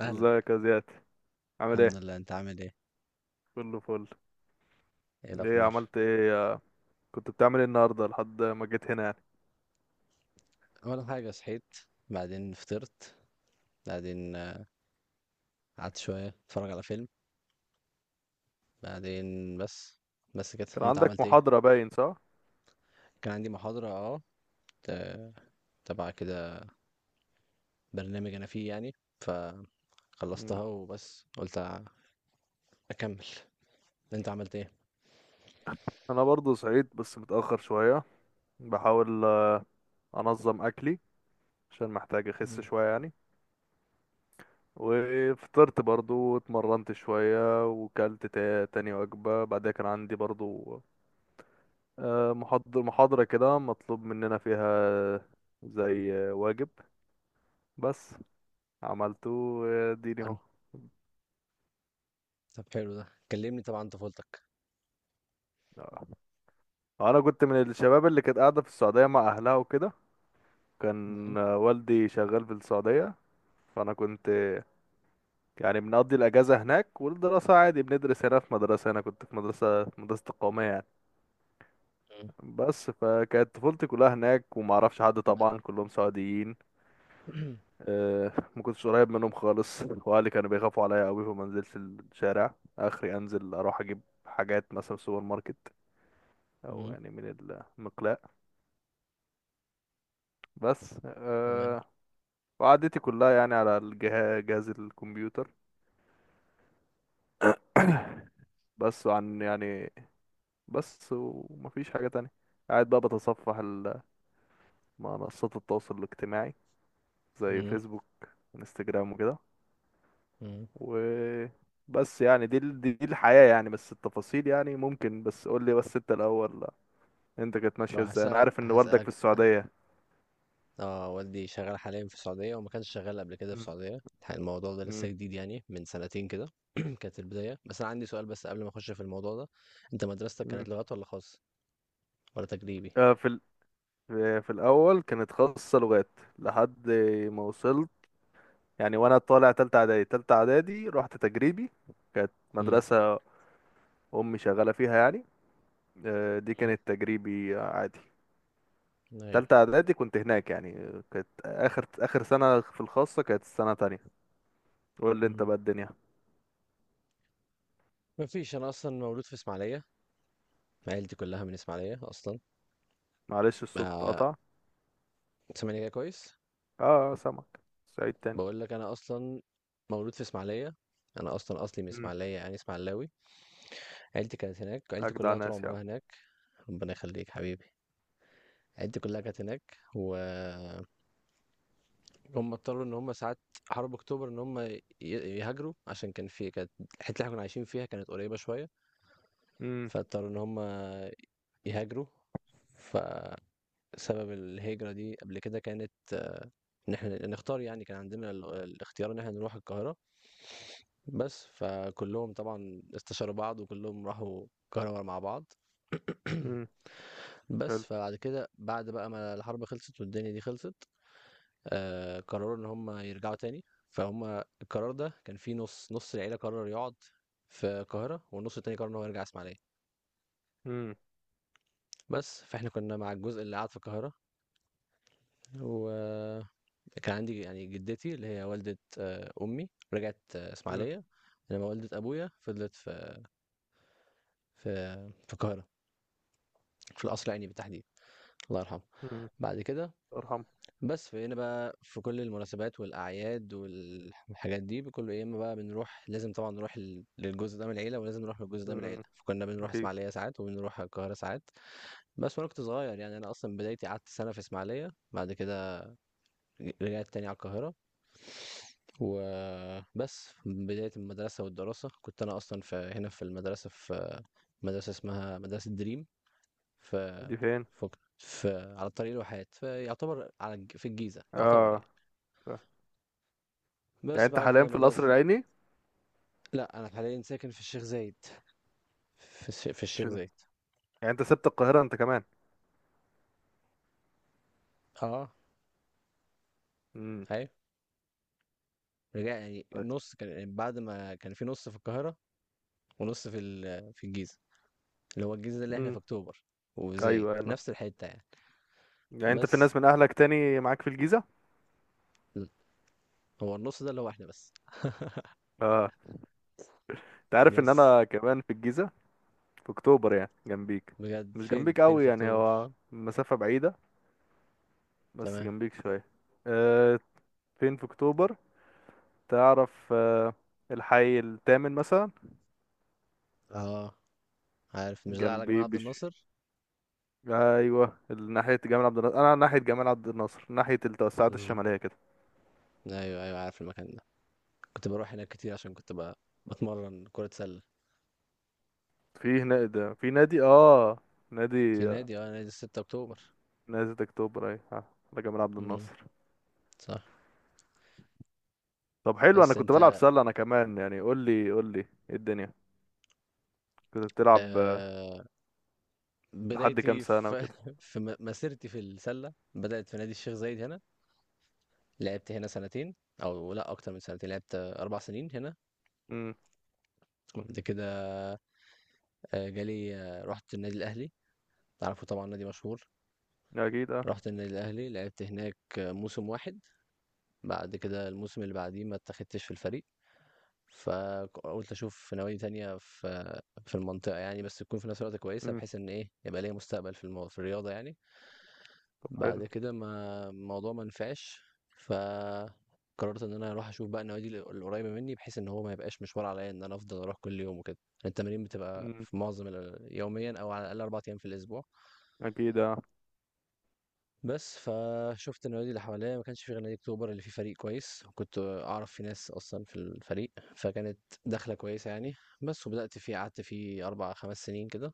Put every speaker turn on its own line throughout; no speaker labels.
أهلا.
ازيك يا زياد؟ عامل
الحمد
ايه؟
لله، أنت عامل إيه؟
كله فل.
إيه
ايه
الأخبار؟
عملت ايه آه، كنت بتعمل ايه النهارده لحد ما جيت هنا يعني؟
أول حاجة صحيت، بعدين فطرت، بعدين قعدت شوية أتفرج على فيلم. بعدين، بس بس كده،
كان
أنت
عندك
عملت إيه؟
محاضرة باين، صح؟
كان عندي محاضرة ت- تبع كده، برنامج أنا فيه يعني،
مم.
فخلصتها. وبس قلت أكمل. أنت عملت إيه؟
انا برضو صحيت بس متأخر شوية. بحاول انظم اكلي عشان محتاج اخس
مم.
شوية يعني. وفطرت برضو واتمرنت شوية وكلت تاني وجبة. بعدها كان عندي برضو محاضرة كده مطلوب مننا فيها، زي واجب. بس عملته. اديني
حلو. طب حلو ده، كلمني طبعا عن طفولتك.
اهو. انا كنت من الشباب اللي كانت قاعده في السعوديه مع اهلها وكده.
مم.
كان والدي شغال في السعوديه. فانا كنت يعني بنقضي الاجازه هناك، والدراسه عادي بندرس هنا في مدرسه. انا كنت في مدرسه القوميه يعني.
مم.
بس فكانت طفولتي كلها هناك، وما اعرفش حد،
ب-
طبعا كلهم سعوديين. ما كنتش قريب منهم خالص واهلي كانوا بيخافوا عليا قوي، فما نزلتش الشارع. اخري انزل اروح اجيب حاجات مثلا في السوبر ماركت، او
مم.
يعني من المقلاة، بس
تمام.
أه. وقعدتي كلها يعني على الجهاز، جهاز الكمبيوتر. بس عن يعني، بس ومفيش حاجة تانية. قاعد بقى بتصفح منصات التواصل الاجتماعي، زي
مم.
فيسبوك، انستجرام وكده.
مم.
وبس يعني، دي ال- دي دي الحياة يعني. بس التفاصيل يعني ممكن، بس قول لي بس انت الأول. انت كانت
طب
ماشية ازاي؟ انا
هسألك،
عارف ان والدك في السعودية.
والدي شغال حاليًا في السعودية، وما كانش شغال قبل كده في
مم.
السعودية. الموضوع ده لسه
مم.
جديد يعني، من سنتين كده. كانت البداية، بس أنا عندي سؤال بس قبل ما أخش في الموضوع ده: أنت مدرستك
مم.
كانت لغات والّا خاص والّا تجريبي؟
في ال... في في الأول كانت خاصة لغات، لحد ما وصلت يعني. وانا طالع تالتة اعدادي، تالتة اعدادي رحت تجريبي. كانت
إمم.
مدرسة امي شغالة فيها يعني. دي
إمم.
كانت تجريبي عادي.
أيوه.
تالتة اعدادي كنت هناك يعني. كانت اخر سنة في الخاصة كانت السنة تانية. قول لي انت
إمم.
بقى الدنيا.
ما فيش، أنا أصلًا مولود في إسماعيلية، عيلتي كلها من إسماعيلية أصلًا.
معلش الصوت
آآ،
قطع.
سامعني كده كويس؟
اه، سامعك. سعيد تاني.
باقول لك أنا أصلًا مولود في إسماعيلية، أنا أصلًا أصلي من
مم.
إسماعيلية يعني إسماعيلاوي. عيلتي كانت هناك، عيلتي
اجدع
كلها طول
ناس يا عم.
عمرها هناك. ربنا يخليك حبيبي. عيلتي كلها كانت هناك، وهم اضطروا ان هم ساعات حرب اكتوبر ان هم يهاجروا، عشان كان في، كانت الحته اللي احنا كنا عايشين فيها كانت قريبه شويه،
مم.
فاضطروا ان هم يهاجروا. فسبب الهجره دي قبل كده كانت ان احنا نختار، يعني كان عندنا الاختيار ان احنا نروح القاهره. بس فكلهم طبعا استشاروا بعض، وكلهم راحوا القاهره مع بعض.
مم. حلو.
بس فبعد كده، بعد بقى ما الحرب خلصت والدنيا دي خلصت، قرروا ان هم يرجعوا تاني. فهم القرار ده كان فيه، نص العيله قرر يقعد في القاهره، والنص التاني قرر ان هو يرجع اسماعيليه.
مم.
بس فاحنا كنا مع الجزء اللي قعد في القاهره، وكان عندي يعني جدتي اللي هي والده امي رجعت
مم.
اسماعيليه، انما والده ابويا فضلت في في في القاهره، في القصر العيني بالتحديد، الله يرحمه.
مم.
بعد كده،
ارحم.
بس فهنا بقى في كل المناسبات والأعياد والحاجات دي كله يا إما بقى بنروح، لازم طبعًا نروح للجزء ده من العيلة، ولازم نروح للجزء ده من العيلة.
مم.
فكنا بنروح
اكيد.
إسماعيلية ساعات وبنروح القاهرة ساعات. بس وأنا كنت صغير يعني، أنا أصلًا بدايتي قعدت سنة في إسماعيلية، بعد كده رجعت تاني على القاهرة. وبس بداية المدرسة والدراسة كنت أنا أصلًا في هنا في المدرسة، في مدرسة اسمها مدرسة دريم،
دي
في
فين؟
في على الطريق الواحات، فيعتبر على الج في الجيزة يعتبر
اه،
يعني.
ف- يعني
بس
انت
بعد
حاليا في القصر
مدرسة،
العيني؟
لا أنا حاليا ساكن في الشيخ زايد، في الشيخ
عشان
زايد.
يعني انت سبت القاهرة انت كمان.
اه.
مم.
أيوة، رجع يعني
طيب.
نص، كان يعني بعد ما كان في نص في القاهرة ونص في في الجيزة، اللي هو الجيزة ده اللي احنا
امم.
في أكتوبر وزايد،
ايوه انا.
نفس الحتة يعني.
يعني انت
بس
في ناس من اهلك تاني معاك في الجيزه؟
م. هو النص ده اللي هو احنا بس.
اه. انت عارف ان
بس
انا كمان في الجيزه، في اكتوبر، يعني جنبيك.
بجد،
مش
فين
جنبيك
فين
قوي
في
يعني،
أكتوبر؟
هو مسافه بعيده، بس
تمام.
جنبيك شويه. أه. فين في اكتوبر؟ تعرف؟ أه، الحي الثامن مثلا.
اه عارف، مش ده على جمال
جنبي.
عبد الناصر؟
ايوه، ناحيه جمال عبد الناصر. انا ناحيه جمال عبد الناصر، ناحيه التوسعات
امم،
الشماليه كده.
ايوه ايوه، عارف المكان ده. كنت بروح هناك كتير عشان كنت بتمرن كرة سلة
في هنا، ده في نادي اه نادي
في نادي 6 أكتوبر.
نادي اكتوبر. ايوه. على جمال عبد
إمم،
الناصر.
صح.
طب حلو، انا
بس
كنت بلعب
أنت؟
سلة انا كمان يعني. قول لي قول لي ايه الدنيا؟ كنت بتلعب
آآ،
لحد كام
بدايتي
سنة
في
وكده؟
في مسيرتي في السلة بدأت في نادي الشيخ زايد هنا. لعبت هنا سنتين، أو لأ أكتر من سنتين، لعبت 4 سنين هنا.
امم.
وبعد كده جالي آه، رُحت النادي الأهلي، عارفه طبعًا نادي مشهور.
اكيد اه.
رُحت النادي الأهلي، لعبت هناك موسم واحد. بعد كده الموسم اللي بعديه ما اتاخدتش في الفريق، فقُلت أشوف نوادي تانية في المنطقة يعني، بس تكون في نفس الوقت كويسة،
امم.
بحيث إن إيه، يبقى ليّا مستقبل في في الرياضة يعني.
طب حلو.
بعد كده ما الموضوع ما نفعش، فقررت ان انا اروح اشوف بقى النوادي القريبه مني، بحيث ان هو ما يبقاش مشوار عليا ان انا افضل اروح كل يوم وكده. التمارين بتبقى
امم.
في معظم يوميا، او على الاقل اربع ايام في الاسبوع.
اكيد اه.
بس فشفت النوادي اللي حواليا، ما كانش في غير نادي اكتوبر اللي فيه فريق كويس، وكنت اعرف في ناس اصلا في الفريق، فكانت دخله كويسه يعني. بس وبدات فيه، قعدت فيه اربع خمس سنين كده.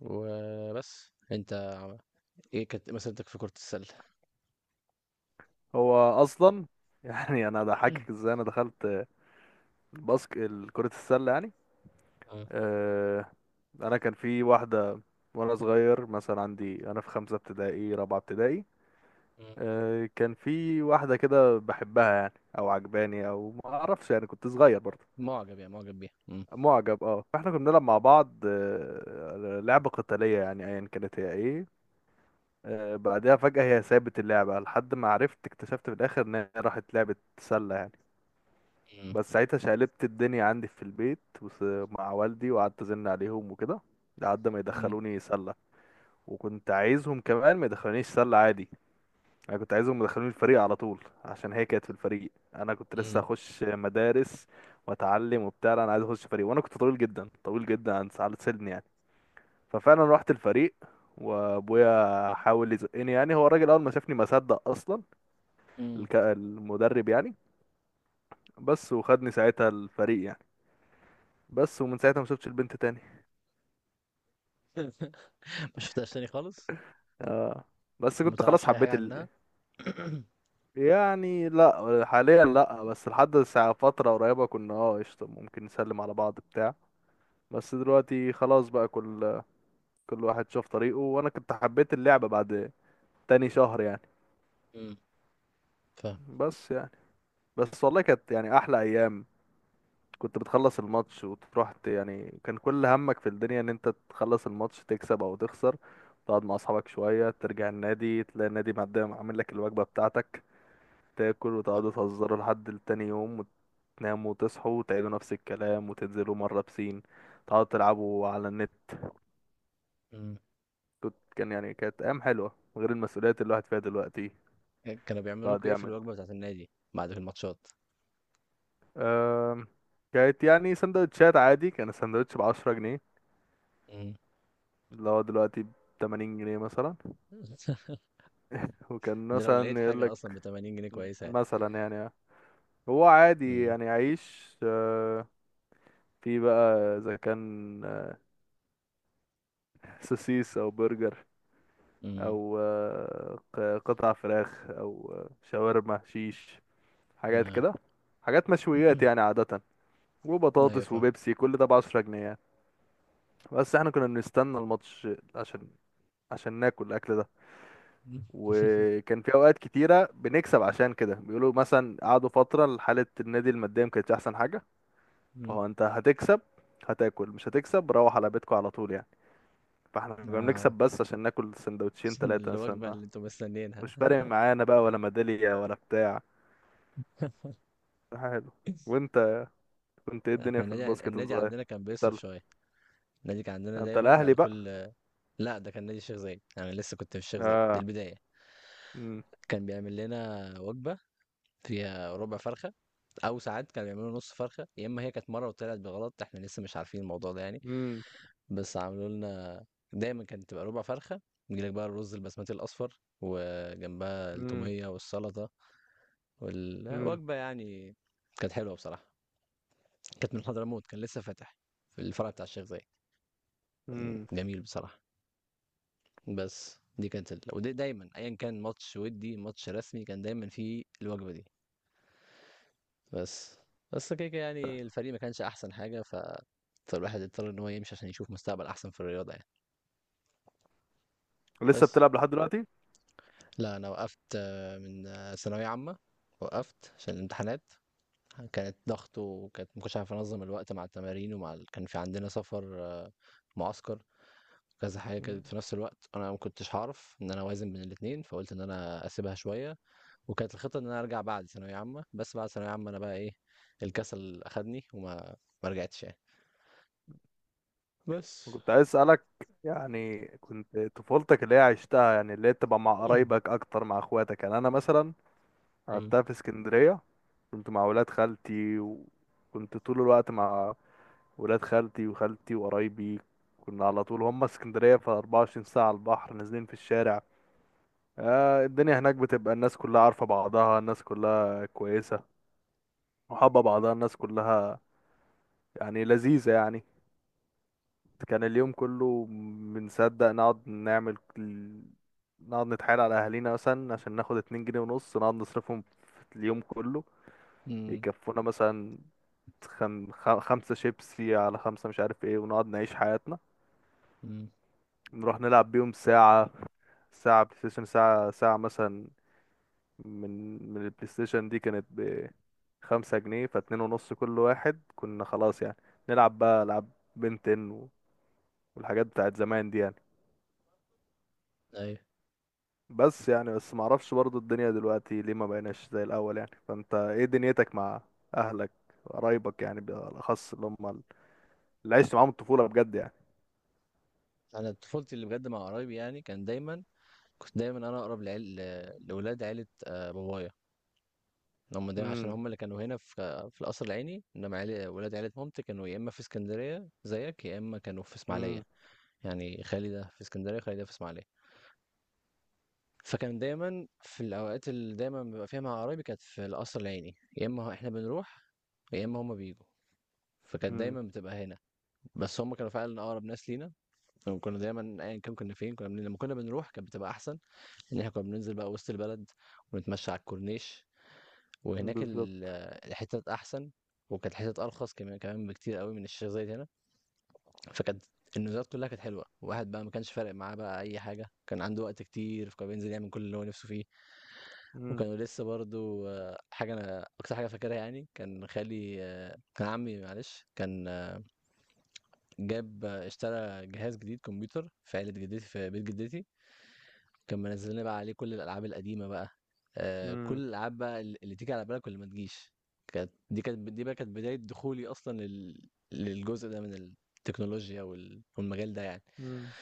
وبس انت، ايه كانت مسيرتك في كره السله؟
هو اصلا يعني انا
مم.
ضحكك ازاي انا دخلت كرة السلة يعني.
اه.
آه انا كان في واحدة، وانا صغير مثلا، عندي انا في خمسة ابتدائي، رابعة ابتدائي. كان في واحدة كده بحبها يعني، او عجباني، او ما اعرفش يعني، كنت صغير برضه.
مُعجب يعني، مُعجب بيها. إمم.
معجب اه. فاحنا كنا بنلعب مع بعض لعبة قتالية، يعني ايا كانت هي ايه. بعدها فجأة هي سابت اللعبة، لحد ما عرفت، اكتشفت في الاخر ان هي راحت لعبة سلة يعني.
إمم.
بس ساعتها شقلبت الدنيا عندي في البيت، مع والدي، وقعدت ازن عليهم وكده لحد ما
إمم.
يدخلوني سلة. وكنت عايزهم كمان ما يدخلونيش سلة عادي، انا كنت عايزهم يدخلوني الفريق على طول، عشان هي كانت في الفريق. انا كنت لسه
إمم.
اخش مدارس واتعلم وبتاع، لا، انا عايز اخش فريق. وانا كنت طويل جدا طويل جدا عن ساعة سني يعني. ففعلا رحت الفريق وابويا حاول يزقني يعني، هو الراجل اول ما شافني ما صدق اصلا،
إمم.
المدرب يعني. بس وخدني ساعتها الفريق يعني. بس ومن ساعتها ما شفتش البنت تاني.
ما شُفتهاش تاني خالص؟
اه، بس
ما
كنت خلاص
تعرفش أي حاجة
حبيت
عنها؟
يعني لا، حاليا لا، بس لحد ساعة فترة قريبة كنا اه قشطة، ممكن نسلم على بعض بتاع. بس دلوقتي خلاص بقى، كل واحد شاف طريقه. وانا كنت حبيت اللعبة بعد تاني شهر يعني.
إمم. فاهمك.
بس يعني، بس والله كانت يعني احلى ايام. كنت بتخلص الماتش وتروح، يعني كان كل همك في الدنيا ان انت تخلص الماتش، تكسب او تخسر، تقعد مع اصحابك شوية، ترجع النادي، تلاقي النادي مقدم عامل لك الوجبة بتاعتك، تاكل
صح.
وتقعدوا تهزروا لحد تاني يوم، وتناموا وتصحوا وتعيدوا نفس الكلام، وتنزلوا مرة بسين، تقعدوا تلعبوا على النت.
إمم.
كان يعني، كانت ايام حلوة، غير المسؤوليات اللي الواحد فيها دلوقتي.
كانوا بيعملوا
بعد
لكم إيه في
يعمل
الوجبة بتاعة النادي بعد الماتشات؟
أم... كانت يعني سندوتشات عادي. كان السندوتش بعشرة جنيه،
إمم.
اللي هو دلوقتي بتمانين جنيه مثلا. وكان
ده لو لقيت
مثلا يقول
حاجة أصلًا
لك
ب80 جنيه كويسة يعني.
مثلا يعني، هو عادي
إمم.
يعني، عيش في بقى اذا كان سوسيس او برجر،
إمم.
او قطع فراخ، او شاورما شيش، حاجات
آه،
كده، حاجات مشويات يعني عادة.
أيوه
وبطاطس
فاهمك.
وبيبسي، كل ده بعشرة جنيه يعني. بس احنا كنا بنستنى الماتش عشان عشان ناكل الاكل ده. وكان في اوقات كتيرة بنكسب، عشان كده بيقولوا مثلا قعدوا فترة حالة النادي المادية ما كانتش احسن حاجة.
إمم. إمم.
فهو انت هتكسب، هتاكل، مش هتكسب روح على بيتكم على طول يعني. فاحنا كنا بنكسب
آه،
بس عشان ناكل سندوتشين ثلاثة
الوجبة
مثلا.
اللي أنتم مستنيينها.
مش فارق معانا بقى ولا ميدالية ولا بتاع. حلو. وانت كنت ايه الدنيا
إحنا
في
النادي،
الباسكت وانت صغير؟
عندنا كان بيصرف
سلة.
شوية. النادي كان عندنا
انت
دايمًا بعد
الاهلي بقى.
كل، لا ده كان نادي الشيخ زايد، انا لسه كنت في الشيخ زايد، دي
اه.
البدايه.
امم.
كان بيعمل لنا وجبه فيها ربع فرخه، او ساعات كانوا بيعملوا نص فرخه، يا اما هي كانت مره وطلعت بغلط، احنا لسه مش عارفين الموضوع ده يعني.
امم.
بس عملوا لنا، دايما كانت تبقى ربع فرخه. يجيلك بقى الرز البسمتي الاصفر، وجنبها
امم.
التوميه والسلطه،
امم.
والوجبه يعني كانت حلوه بصراحه. كانت من حضرموت، كان لسه فاتح في الفرع بتاع الشيخ زايد. كان
امم.
جميل بصراحه. بس دي كانت ودي دايما ايا كان ماتش، ودي ماتش رسمي كان دايما فيه الوجبه دي. بس، كده كده يعني. الفريق ما كانش احسن حاجه، فالواحد اضطر ان هو يمشي عشان يشوف مستقبل احسن في الرياضه يعني.
لسه
بس
بتلعب لحد دلوقتي؟
لا، انا وقفت من ثانويه عامه. وقفت عشان الامتحانات كانت ضغط، وكانت ما كنتش عارف انظم الوقت مع التمارين ومع كان في عندنا سفر، معسكر، كذا حاجه
مم.
كانت في نفس الوقت، انا ما كنتش هعرف ان انا اوازن بين الاثنين، فقلت ان انا اسيبها شويه. وكانت الخطة ان انا ارجع بعد ثانوية عامة، بس بعد ثانوية عامة انا بقى ايه، الكسل اخدني، ما رجعتش يعني. بس.
كنت عايز اسالك، يعني كنت طفولتك اللي هي عشتها، يعني اللي هي تبقى مع قرايبك اكتر، مع اخواتك. يعني انا مثلا
امم.
لعبتها في اسكندريه، كنت مع ولاد خالتي، وكنت طول الوقت مع ولاد خالتي وخالتي وقرايبي. كنا على طول هم اسكندرية في 24 ساعة على البحر، نازلين في الشارع. الدنيا هناك بتبقى الناس كلها عارفة بعضها، الناس كلها كويسة وحابة بعضها، الناس كلها يعني لذيذة يعني. كان اليوم كله بنصدق نقعد نعمل نقعد نتحايل على أهالينا مثلا عشان ناخد اتنين جنيه ونص، نقعد نصرفهم في اليوم كله.
امم.
يكفونا مثلا خمسة شيبسي، على خمسة مش عارف ايه، ونقعد نعيش حياتنا.
امم.
نروح نلعب بيهم ساعة، ساعة بلاي ستيشن، ساعة ساعة مثلا. من البلاي ستيشن دي كانت بخمسة جنيه فاتنين ونص كل واحد، كنا خلاص يعني نلعب بقى ألعاب بنتن والحاجات بتاعت زمان دي يعني.
ايوه.
بس يعني، بس معرفش برضو الدنيا دلوقتي ليه ما بقيناش زي الأول يعني. فانت ايه دنيتك مع أهلك، قرايبك يعني، بالأخص اللي هم اللي عشت معاهم الطفولة بجد يعني؟
انا طفولتي اللي بجد مع قرايبي يعني. كان دايما، كنت دايما انا اقرب لاولاد عيلة بابايا. هم دايما عشان هم اللي كانوا هنا في القصر العيني، انما ولاد عيلة مامتي كانوا يا اما في اسكندرية زيك، يا اما كانوا في
امم.
اسماعيلية، يعني خالي ده في اسكندرية، خالي ده في اسماعيلية. فكان دايمًا في الأوقات اللي دايمًا بابقى فيها مع قرايبي كانت في القصر العيني، يا إما إحنا بنروح يا إما هُم بييجوا. فكانت دايمًا بتبقى هنا، بس هُم كانوا فعلًا أقرب ناس لينا. وكنا دايمًا أيًا كان كنا فين، كنا بن لمّا كنا بنروح كانت بتبقى أحسن، إن إحنا كنا بننزل بقى وسط البلد ونتمشى على الكورنيش، وهناك
بالظبط.
الحتت أحسن، وكانت الحتت أرخص كمان بكتير أوي من الشيخ زايد هنا. فكانت النزولات كلها كانت حلوة، الواحد بقى ما كانش فارق معاه بقى أي حاجة، كان عنده وقت كتير فكان بينزل يعمل كل اللي هو نفسه فيه.
مم.
وكانوا لسه برضه، حاجة أنا أكتر حاجة فاكرها يعني، كان خالي آه، كان عمي معلش، كان آه، جاب آه، اشترى جهاز جديد كمبيوتر في عيلة جدتي في بيت جدتي، كان منزل لنا بقى عليه كل الألعاب القديمة بقى، كل
مم.
الألعاب بقى اللي تيجي على بالك واللي ما تجيش. كانت دي بقى كانت بداية دخولي أصلا للجزء ده من التكنولوجيا والمجال ده يعني.
مم.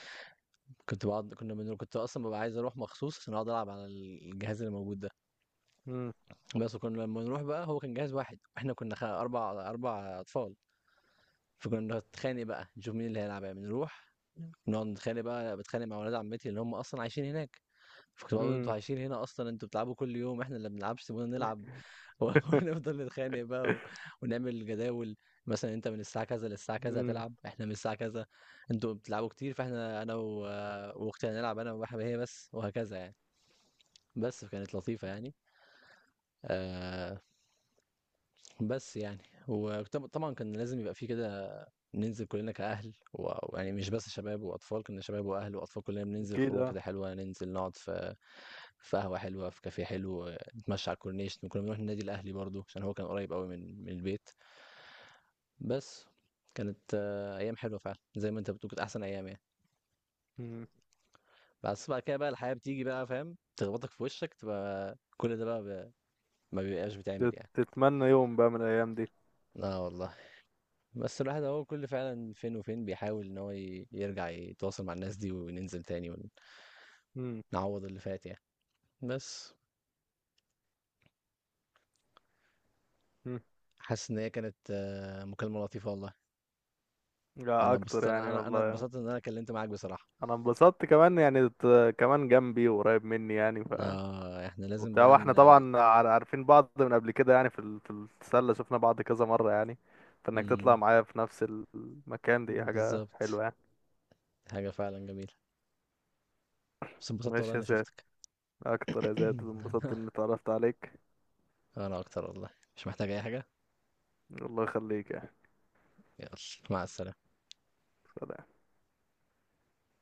كنت باقعد كنا بنرو كنت أصلًا بابقى عايز أروح مخصوص عشان أقعد ألعب على الجهاز اللي موجود ده.
مم.
بس وكنا لمّا نروح بقى هو كان جهاز واحد، وإحنا كنا 4 أطفال، فكنا نتخانق بقى نشوف مين اللي هيلعب يعني، نروح نقعد نتخانق بقى، باتخانق مع ولاد عمتي اللي هم أصلًا عايشين هناك. فكنت باقول أنتم
مم.
عايشين هنا أصلًا، أنتم بتلعبوا كل يوم، إحنا اللي ما بنلعبش سيبونا نلعب. ونفضل نتخانق بقى ونعمل جداول، مثلًا أنت من الساعة كذا للساعة كذا
مم.
هتلعب، إحنا من الساعة كذا. أنتم بتلعبوا كتير، فإحنا أنا وأختي هنلعب، أنا هي بس، وهكذا يعني. بس فكانت لطيفة يعني. آآ، بس يعني، طبعًا كان لازم يبقى في كده ننزل كلنا كأهل ويعني مش بس شباب وأطفال، كنا شباب وأهل وأطفال كلنا بننزل
اكيد
خروج
اه.
كده حلوة، ننزل نقعد في قهوة حلوة، في كافيه حلو، نتمشى على الكورنيش. كنا بنروح النادي الأهلي برضو عشان هو كان قريب قوي من البيت. بس كانت أيام حلوة فعلا، زي ما أنت بتقول، كانت أحسن أيام يعني.
مم.
بس بعد كده بقى الحياة بتيجي بقى فاهم تخبطك في وشك، تبقى كل ده بقى ما بيبقاش بتعمل يعني.
تتمنى يوم بقى من الايام دي.
اه والله. بس الواحد هو كل، فعلا فين وفين، بيحاول ان هو يرجع يتواصل مع الناس دي وننزل تاني
مم.
ونعوض اللي فات يعني. بس.
مم.
حاسس ان هي كانت مكالمة لطيفة والله.
لا، اكتر يعني
انا
والله.
اتبسطت ان انا كلمت معاك بصراحة.
انا انبسطت كمان يعني، كمان جنبي وقريب مني يعني
اه احنا لازم
وبتاع.
بقى
واحنا طبعا عارفين بعض من قبل كده يعني، في السله شفنا بعض كذا مره يعني، فانك تطلع
مم،
معايا في نفس المكان دي حاجه
بالظبط.
حلوه يعني.
حاجة فعلا جميلة. بس اتبسطت والله
ماشي يا
اني
زياد،
شفتك.
اكتر يا زياد، انبسطت اني اتعرفت عليك.
انا اكتر والله، مش محتاج اي حاجة.
الله يخليك يعني.
يلا، مع السلامة.
سلام.